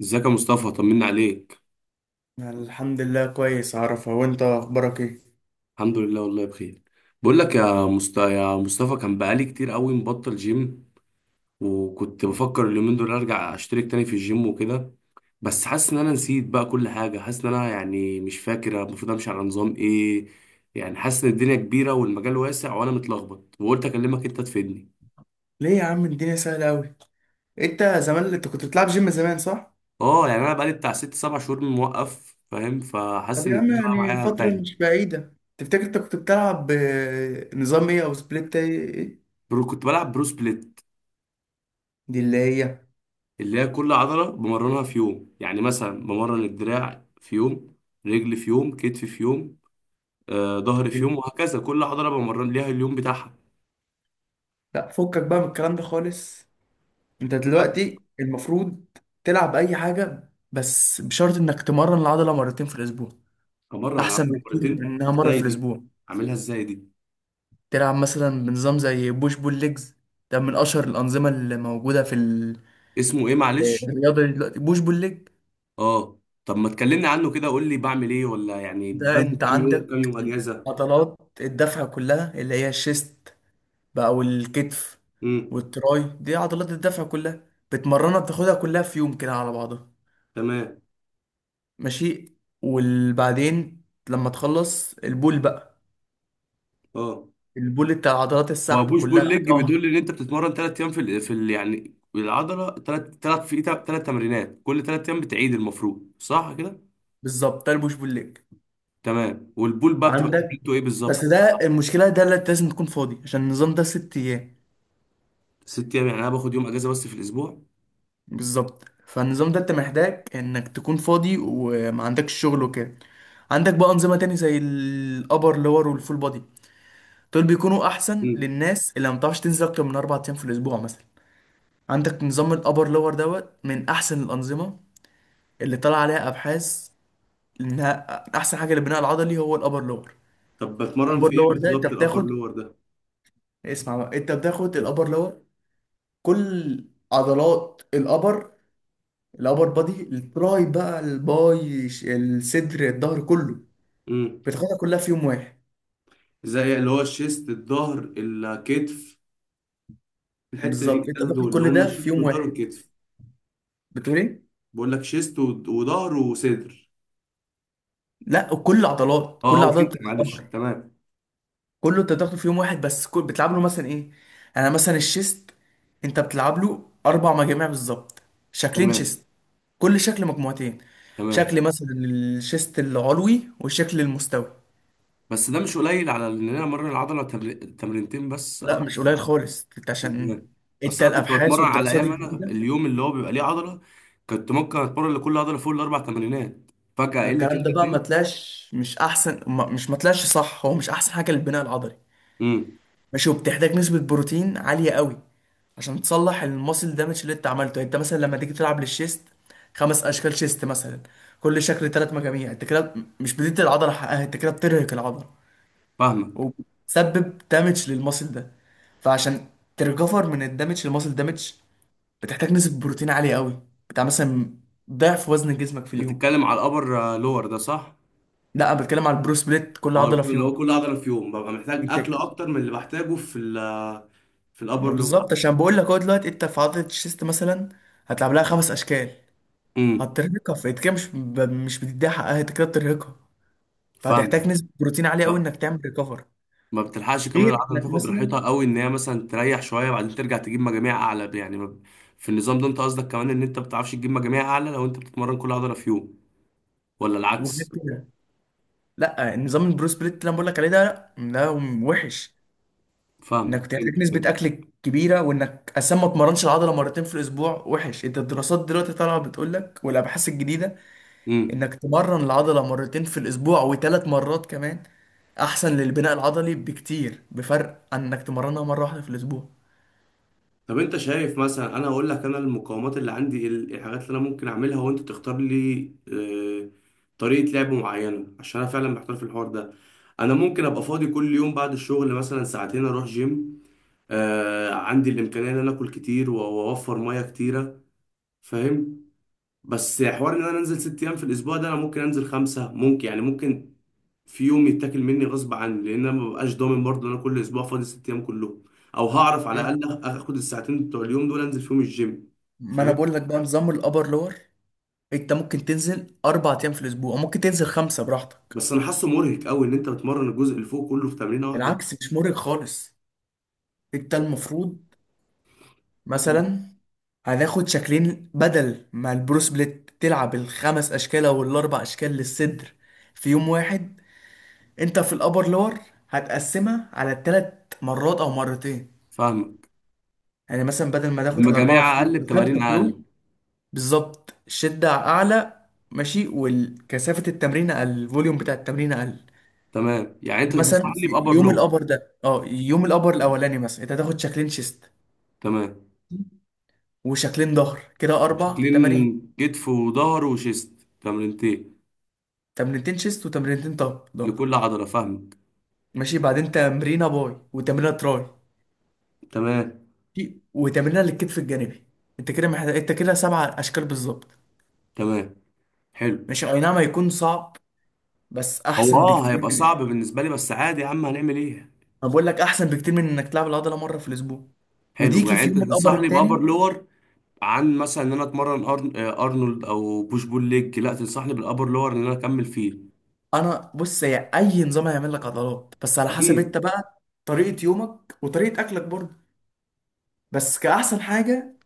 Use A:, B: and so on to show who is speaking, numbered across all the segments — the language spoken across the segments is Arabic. A: ازيك يا مصطفى؟ طمنا عليك.
B: الحمد لله كويس، عارفه. وانت اخبارك ايه؟
A: الحمد لله والله بخير. بقول لك يا مصطفى، كان بقالي كتير قوي مبطل جيم، وكنت بفكر اليومين دول ارجع اشترك تاني في الجيم وكده. بس حاسس ان انا نسيت بقى كل حاجه، حاسس ان انا يعني مش فاكر المفروض امشي على نظام ايه. يعني حاسس ان الدنيا كبيره والمجال واسع وانا متلخبط، وقلت اكلمك انت تفيدني.
B: ليه يا عم؟ الدنيا سهله قوي. انت زمان، انت كنت بتلعب جيم زمان، صح؟
A: اه، يعني انا بقالي بتاع ست سبع شهور موقف، فاهم، فحاسس
B: طب
A: ان
B: يا عم،
A: الدنيا بقى
B: يعني
A: معايا
B: فتره مش
A: تايهه.
B: بعيده تفتكر انت كنت بتلعب نظام ايه او سبليت ايه، إيه؟
A: كنت بلعب برو سبليت،
B: دي اللي هي.
A: اللي هي كل عضلة بمرنها في يوم، يعني مثلا بمرن الدراع في يوم، رجل في يوم، كتف في يوم، ظهر في يوم، وهكذا كل عضلة بمرن ليها اليوم بتاعها.
B: لا، فكك بقى من الكلام ده خالص. انت
A: بجد.
B: دلوقتي المفروض تلعب اي حاجه، بس بشرط انك تمرن العضله مرتين في الاسبوع.
A: أمرن
B: احسن
A: العضلة
B: بكتير من
A: مرتين؟
B: انها مره في
A: ازاي دي؟
B: الاسبوع.
A: أعملها ازاي دي؟
B: تلعب مثلا بنظام زي بوش بول ليجز. ده من اشهر الانظمه اللي موجوده في
A: اسمه ايه معلش؟
B: الرياضه دي دلوقتي، بوش بول ليج.
A: اه. طب ما تكلمني عنه كده، قول لي بعمل ايه، ولا يعني
B: ده
A: بنزل
B: انت
A: كام يوم كام
B: عندك
A: يوم اجازة؟
B: عضلات الدفع كلها اللي هي الشيست بقى والكتف
A: امم.
B: والتراي، دي عضلات الدفع كلها، بتمرنها، بتاخدها كلها في يوم كده على بعضها.
A: تمام.
B: ماشي. وبعدين لما تخلص البول بقى،
A: اه.
B: البول بتاع عضلات
A: هو
B: السحب
A: بوش بول
B: كلها،
A: ليج
B: ظهر.
A: بيدل ان انت بتتمرن ثلاث ايام في ال يعني العضله، ثلاث في ثلاث تمرينات كل ثلاث ايام بتعيد المفروض، صح كده؟
B: بالظبط، ده البوش بول ليج.
A: تمام، والبول بقى بتبقى
B: عندك،
A: تمرينته ايه
B: بس
A: بالظبط؟
B: ده المشكله، ده اللي لازم تكون فاضي، عشان النظام ده 6 ايام.
A: ست ايام؟ يعني انا باخد يوم اجازه بس في الاسبوع.
B: بالظبط، فالنظام ده انت محتاج انك تكون فاضي وما عندكش شغل وكده. عندك بقى انظمه تاني زي الابر لور والفول بودي، دول بيكونوا احسن
A: مم.
B: للناس اللي ما بتعرفش تنزل اكتر من 4 ايام في الاسبوع مثلا. عندك نظام الابر لور دوت من احسن الانظمه اللي طلع عليها ابحاث انها احسن حاجه للبناء العضلي، هو الابر لور.
A: طب بتمرن
B: الابر
A: في ايه
B: لور ده انت
A: بالظبط الابر
B: بتاخد،
A: لور ده؟
B: اسمع بقى، انت بتاخد الابر لور كل عضلات الابر، الابر بادي، التراي بقى، الباي الصدر، الظهر كله،
A: مم.
B: بتاخدها كلها في يوم واحد.
A: زي اللي هو الشيست الظهر الكتف، الحته دي
B: بالظبط، انت
A: التلاتة دول
B: بتاخد
A: اللي
B: كل
A: هم
B: ده في
A: الشيست
B: يوم
A: والظهر
B: واحد.
A: والكتف.
B: بتقول ايه؟
A: بقول لك شيست وظهر وصدر.
B: لا، كل عضلات
A: اه، اه،
B: كل عضلات
A: اوكي معلش،
B: بتتكبر،
A: تمام،
B: كله انت بتاخده في يوم واحد، بس كل بتلعب له مثلا ايه؟ انا مثلا الشيست انت بتلعب له اربع مجاميع بالظبط، شكلين
A: تمام،
B: شيست، كل شكل مجموعتين،
A: تمام.
B: شكل مثلا الشيست العلوي والشكل المستوي.
A: بس ده مش قليل على ان انا امرن العضله تمرينتين بس؟
B: لا مش قليل خالص، انت
A: ازاي؟
B: عشان، انت
A: اصل انا كنت
B: الابحاث
A: بتمرن على
B: والدراسات
A: ايام، انا
B: الجديده،
A: اليوم اللي هو بيبقى ليه عضله كنت ممكن اتمرن لكل عضله فوق الاربع تمرينات، فجاه اقل كده
B: الكلام ده بقى ما
A: اتنين.
B: طلعش، مش احسن ما- مش ما طلعش صح، هو مش احسن حاجه للبناء العضلي.
A: امم.
B: ماشي، وبتحتاج نسبه بروتين عاليه قوي عشان تصلح الماسل دامج اللي انت عملته. يعني انت مثلا لما تيجي تلعب للشيست خمس اشكال شيست مثلا، كل شكل ثلاث مجاميع، انت كده مش بتدي العضله حقها، انت كده بترهق العضله
A: فاهمك.
B: وبتسبب دامج للماسل ده. فعشان تريكفر من الدامج للماسل دامج بتحتاج نسبه بروتين عاليه قوي، بتاع مثلا ضعف وزن جسمك في
A: انت
B: اليوم.
A: بتتكلم على الابر لور ده، صح؟
B: لا، انا بتكلم على البرو سبليت، كل
A: اه،
B: عضله
A: البول
B: في
A: اللي هو
B: يوم.
A: كل عضله في يوم ببقى محتاج
B: انت
A: اكل اكتر من اللي بحتاجه في
B: ما
A: الابر لور.
B: بالظبط، عشان بقول لك هو دلوقتي انت في عضله الشيست مثلا هتلعب لها خمس اشكال،
A: امم.
B: هترهقها، فانت كده مش بتديها حقها، انت كده بترهقها.
A: فاهمك.
B: فهتحتاج نسبه بروتين عاليه
A: ف-
B: قوي انك تعمل ريكفر،
A: ما بتلحقش كمان
B: غير
A: العضله
B: انك
A: تاخد
B: مثلا،
A: راحتها قوي، ان هي مثلا تريح شويه بعدين ترجع تجيب مجاميع اعلى، يعني ما ب- في النظام ده انت قصدك كمان ان انت ما بتعرفش تجيب مجاميع اعلى لو انت بتتمرن كل عضله في يوم، ولا
B: وغير
A: العكس؟
B: كده، لا، نظام البرو سبليت اللي انا بقول لك عليه ده، لا، ده وحش انك
A: فاهم، فهمت،
B: بتحتاج نسبه
A: فهمت.
B: اكل كبيره، وانك اصلا ما اتمرنش العضله مرتين في الاسبوع وحش. انت الدراسات دلوقتي طالعه بتقول لك، والابحاث الجديده،
A: امم.
B: انك تمرن العضلة مرتين في الاسبوع وثلاث مرات كمان احسن للبناء العضلي بكتير، بفرق عن انك تمرنها مرة واحدة في الاسبوع.
A: طب انت شايف، مثلا انا اقول لك انا المقاومات اللي عندي، الحاجات اللي انا ممكن اعملها، وانت تختار لي آه، طريقة لعب معينة، عشان انا فعلا محتار في الحوار ده. انا ممكن ابقى فاضي كل يوم بعد الشغل مثلا ساعتين اروح جيم، عندي الامكانية ان انا اكل كتير واوفر مية كتيرة، فاهم. بس حوار ان انا انزل ست ايام في الاسبوع ده، انا ممكن انزل خمسه ممكن، يعني ممكن في يوم يتاكل مني غصب عني لان انا مبقاش ضامن برضه ان انا كل اسبوع فاضي ست ايام كلهم، او هعرف على
B: تمام.
A: الاقل اخد الساعتين بتوع اليوم دول انزل فيهم الجيم،
B: ما انا
A: فاهم.
B: بقول لك بقى نظام الابر لور. انت ممكن تنزل 4 ايام في الاسبوع، وممكن تنزل خمسة براحتك.
A: بس انا حاسه مرهق قوي ان انت بتمرن الجزء اللي فوق كله في تمرينه واحده.
B: بالعكس، مش مرهق خالص. انت المفروض مثلا، هناخد شكلين بدل ما البرو سبليت تلعب الخمس اشكال او الاربع اشكال للصدر في يوم واحد، انت في الابر لور هتقسمها على ثلاث مرات او مرتين.
A: فاهمك.
B: يعني مثلا بدل ما تاخد الأربعة في
A: المجاميع
B: يوم،
A: اقل
B: الخمسة
A: بتمارين
B: في يوم،
A: اقل.
B: بالظبط الشدة أعلى، ماشي، والكثافة التمرين أقل، الفوليوم بتاع التمرين أقل.
A: تمام، يعني انت
B: مثلا
A: تنصحني
B: في
A: بابر
B: يوم
A: لور.
B: الأبر ده، اه، يوم الأبر الأولاني مثلا أنت هتاخد شكلين شيست
A: تمام.
B: وشكلين ظهر، كده أربع تمارين،
A: شكلين كتف وظهر وشيست، تمرينتين
B: تمرينتين شيست وتمرينتين طب ظهر،
A: لكل عضله، فاهمك.
B: ماشي. بعدين تمرينة باي وتمرينة تراي
A: تمام،
B: وتمرينة للكتف الجانبي. أنت كده محتاج، أنت كده سبع أشكال بالظبط.
A: تمام، حلو.
B: ماشي، أي نعم هيكون صعب، بس
A: هو
B: أحسن بكتير.
A: هيبقى صعب بالنسبه لي، بس عادي يا عم، هنعمل ايه.
B: انا بقول لك احسن بكتير من انك تلعب العضله مره في الاسبوع،
A: حلو،
B: وديكي
A: يعني
B: في
A: انت
B: يوم القبر
A: تنصحني بابر
B: التاني.
A: لور، عن مثلا ان انا اتمرن أرن... آه، ارنولد او بوش بول ليج؟ لا، تنصحني بالابر لور ان انا اكمل فيه.
B: انا بص، هي اي نظام هيعمل لك عضلات، بس على حسب انت
A: اكيد.
B: بقى طريقه يومك وطريقه اكلك برضه. بس كاحسن حاجه،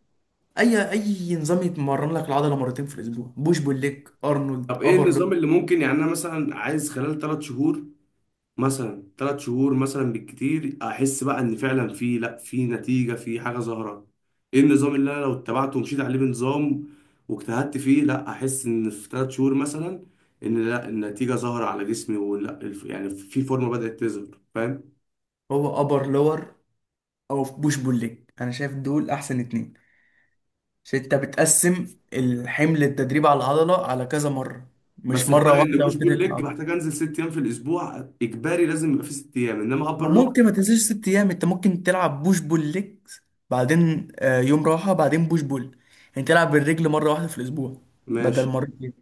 B: اي نظام يتمرن لك العضله مرتين في الاسبوع، بوش بول ليج، ارنولد،
A: طب ايه
B: ابر
A: النظام
B: لور.
A: اللي ممكن، يعني انا مثلا عايز خلال ثلاث شهور، مثلا ثلاث شهور مثلا بالكتير، احس بقى ان فعلا في، لا، في نتيجه، في حاجه ظاهره، ايه النظام اللي انا لو اتبعته ومشيت عليه بنظام واجتهدت فيه، لا احس ان في ثلاث شهور مثلا ان، لا، النتيجه ظاهره على جسمي، ولا يعني في فورمه بدات تظهر، فاهم؟
B: هو ابر لور او بوش بول ليج، انا شايف دول احسن اتنين، عشان انت بتقسم الحمل التدريب على العضله على كذا مره، مش
A: بس
B: مره
A: الفرق ان
B: واحده
A: بوش بول
B: وتدرك
A: ليج
B: العضله.
A: محتاج انزل ست ايام في الاسبوع اجباري، لازم يبقى في ست ايام، انما ابر
B: أو
A: لور.
B: ممكن ما تنزلش 6 ايام، انت ممكن تلعب بوش بول ليجز، بعدين يوم راحه، بعدين بوش بول، يعني تلعب بالرجل مره واحده في الاسبوع بدل
A: ماشي.
B: مرتين.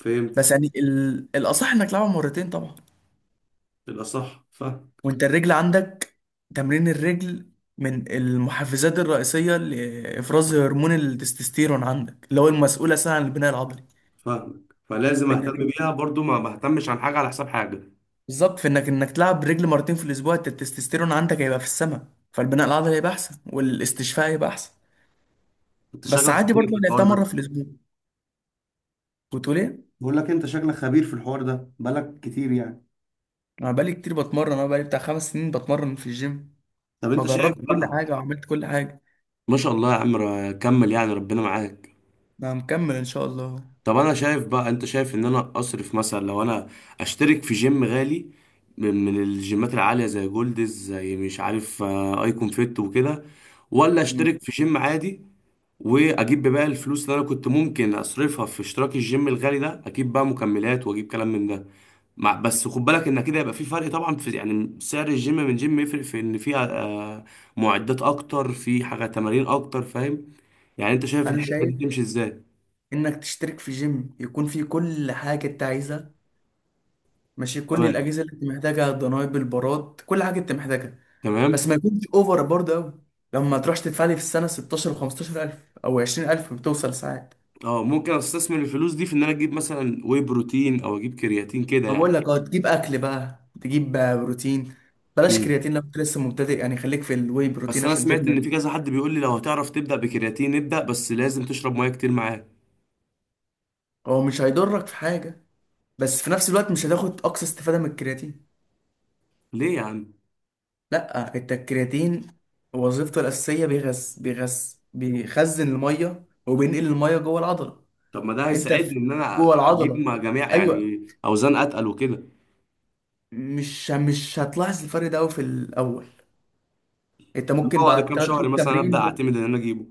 A: فهمت.
B: بس يعني الاصح انك تلعبها مرتين طبعا.
A: بالاصح، فاهم.
B: وانت الرجل عندك، تمرين الرجل من المحفزات الرئيسيه لافراز هرمون التستوستيرون عندك، اللي هو المسؤول اساسا عن البناء العضلي.
A: فاهمك، فلازم اهتم
B: فانك،
A: بيها برضو، ما بهتمش عن حاجه على حساب حاجه.
B: بالظبط، فانك انك تلعب بالرجل مرتين في الاسبوع، انت التستوستيرون عندك هيبقى في السماء، فالبناء العضلي هيبقى احسن والاستشفاء هيبقى احسن.
A: كنت
B: بس
A: شاغل
B: عادي
A: دماغي
B: برضه،
A: في
B: أنا
A: الحوار
B: لعبتها
A: ده.
B: مره في الاسبوع. كنت بقول ايه؟
A: بقول لك انت شكلك خبير في الحوار ده، بقالك كتير يعني.
B: انا بقالي كتير بتمرن، انا بقالي بتاع 5 سنين بتمرن في الجيم،
A: طب انت شايف
B: فجربت كل
A: بقى.
B: حاجه وعملت كل حاجه.
A: ما شاء الله يا عم، كمل يعني، ربنا معاك.
B: انا مكمل ان شاء الله.
A: طب انا شايف بقى، انت شايف ان انا اصرف مثلا، لو انا اشترك في جيم غالي، من الجيمات العالية، زي جولدز، زي مش عارف، ايكون فيت وكده، ولا
B: مم.
A: اشترك في جيم عادي، واجيب بقى الفلوس اللي انا كنت ممكن اصرفها في اشتراك الجيم الغالي ده، اجيب بقى مكملات واجيب كلام من ده. مع بس خد بالك ان كده يبقى في فرق طبعا، في يعني سعر الجيم من جيم يفرق في ان فيها معدات اكتر، في حاجه تمارين اكتر، فاهم. يعني انت شايف
B: انا
A: الحسبه دي
B: شايف
A: تمشي ازاي؟
B: انك تشترك في جيم يكون فيه كل حاجه انت عايزها، ماشي، كل
A: تمام،
B: الاجهزه اللي انت محتاجها، الدنابل، البارات، كل حاجه انت محتاجها. بس
A: تمام.
B: ما يكونش اوفر برضه قوي، لما تروحش تدفع لي في السنه 16 و 15,000 او 20,000، بتوصل ساعات.
A: اه، ممكن استثمر الفلوس دي في ان انا اجيب مثلا واي بروتين، او اجيب كرياتين كده
B: ما
A: يعني.
B: بقول لك اه، تجيب اكل بقى، تجيب بروتين. بلاش
A: امم.
B: كرياتين لو انت لسه مبتدئ، يعني خليك في الواي
A: بس
B: بروتين
A: انا
B: عشان
A: سمعت
B: تبني.
A: ان في كذا حد بيقول لي لو هتعرف تبدا بكرياتين، ابدا، بس لازم تشرب ميه كتير معاه.
B: هو مش هيضرك في حاجه، بس في نفس الوقت مش هتاخد اقصى استفاده من الكرياتين.
A: ليه يا عم؟
B: لا، انت الكرياتين وظيفته الاساسيه بيغذي، بيخزن الميه وبينقل الميه جوه العضله.
A: طب ما ده
B: انت
A: هيساعدني
B: في-
A: ان انا
B: جوه
A: اجيب
B: العضله،
A: مع جميع
B: ايوه.
A: يعني اوزان اتقل وكده؟
B: مش هتلاحظ الفرق ده أوي في الاول. انت
A: اللي
B: ممكن
A: هو بعد
B: بعد
A: كام
B: 3
A: شهر
B: شهور
A: مثلا ابدا
B: تمرين
A: اعتمد ان انا اجيبه؟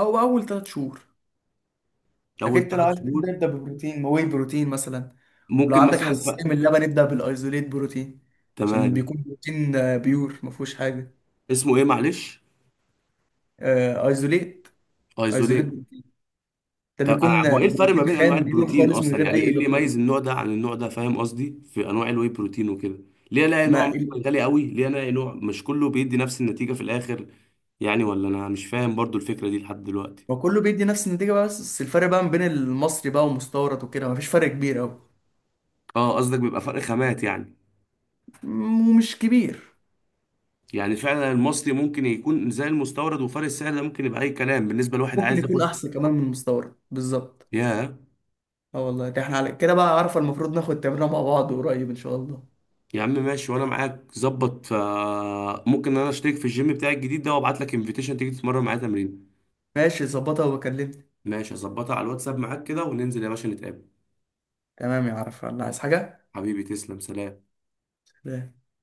B: او اول 3 شهور.
A: اول
B: لكن انت لو
A: ثلاث
B: عايز
A: شهور.
B: تبدا، ابدا ببروتين، واي بروتين مثلا. لو
A: ممكن
B: عندك
A: مثلا
B: حساسيه من اللبن، ابدا بالايزوليت بروتين، عشان
A: تمام.
B: بيكون بروتين بيور ما فيهوش حاجه.
A: اسمه ايه معلش؟
B: ايزوليت. ايزوليت
A: ايزوليت.
B: ده
A: طب
B: بيكون
A: هو ايه الفرق ما
B: بروتين
A: بين انواع
B: خام بيور
A: البروتين
B: خالص من
A: اصلا،
B: غير
A: يعني
B: اي
A: ايه اللي
B: اضافات.
A: يميز النوع ده عن النوع ده، فاهم قصدي، في انواع الواي بروتين وكده، ليه الاقي
B: ما
A: نوع
B: ال-
A: مثلا غالي قوي، ليه الاقي نوع، مش كله بيدي نفس النتيجة في الاخر يعني؟ ولا انا مش فاهم برضو الفكرة دي لحد دلوقتي.
B: ما كله بيدي نفس النتيجه بقى، بس الفرق بقى ما بين المصري بقى والمستورد وكده ما فيش فرق كبير قوي،
A: اه، قصدك بيبقى فرق خامات يعني.
B: ومش كبير،
A: يعني فعلا المصري ممكن يكون زي المستورد، وفرق السعر ده ممكن يبقى اي كلام بالنسبة لواحد
B: ممكن
A: عايز
B: يكون
A: ياخد.
B: احسن كمان من المستورد، بالظبط.
A: ياه.
B: اه والله، ده احنا على كده بقى، عارفه المفروض ناخد تمرينه مع بعض قريب ان شاء الله.
A: يا عم ماشي، وانا معاك ظبط، فممكن انا اشترك في الجيم بتاعي الجديد ده وابعت لك انفيتيشن تيجي تتمرن معايا تمرين.
B: ماشي، ظبطها وبكلمك.
A: ماشي، هظبطها على الواتساب معاك كده وننزل يا باشا نتقابل.
B: تمام يا عرفة، الله، عايز حاجة؟
A: حبيبي تسلم، سلام.
B: لا.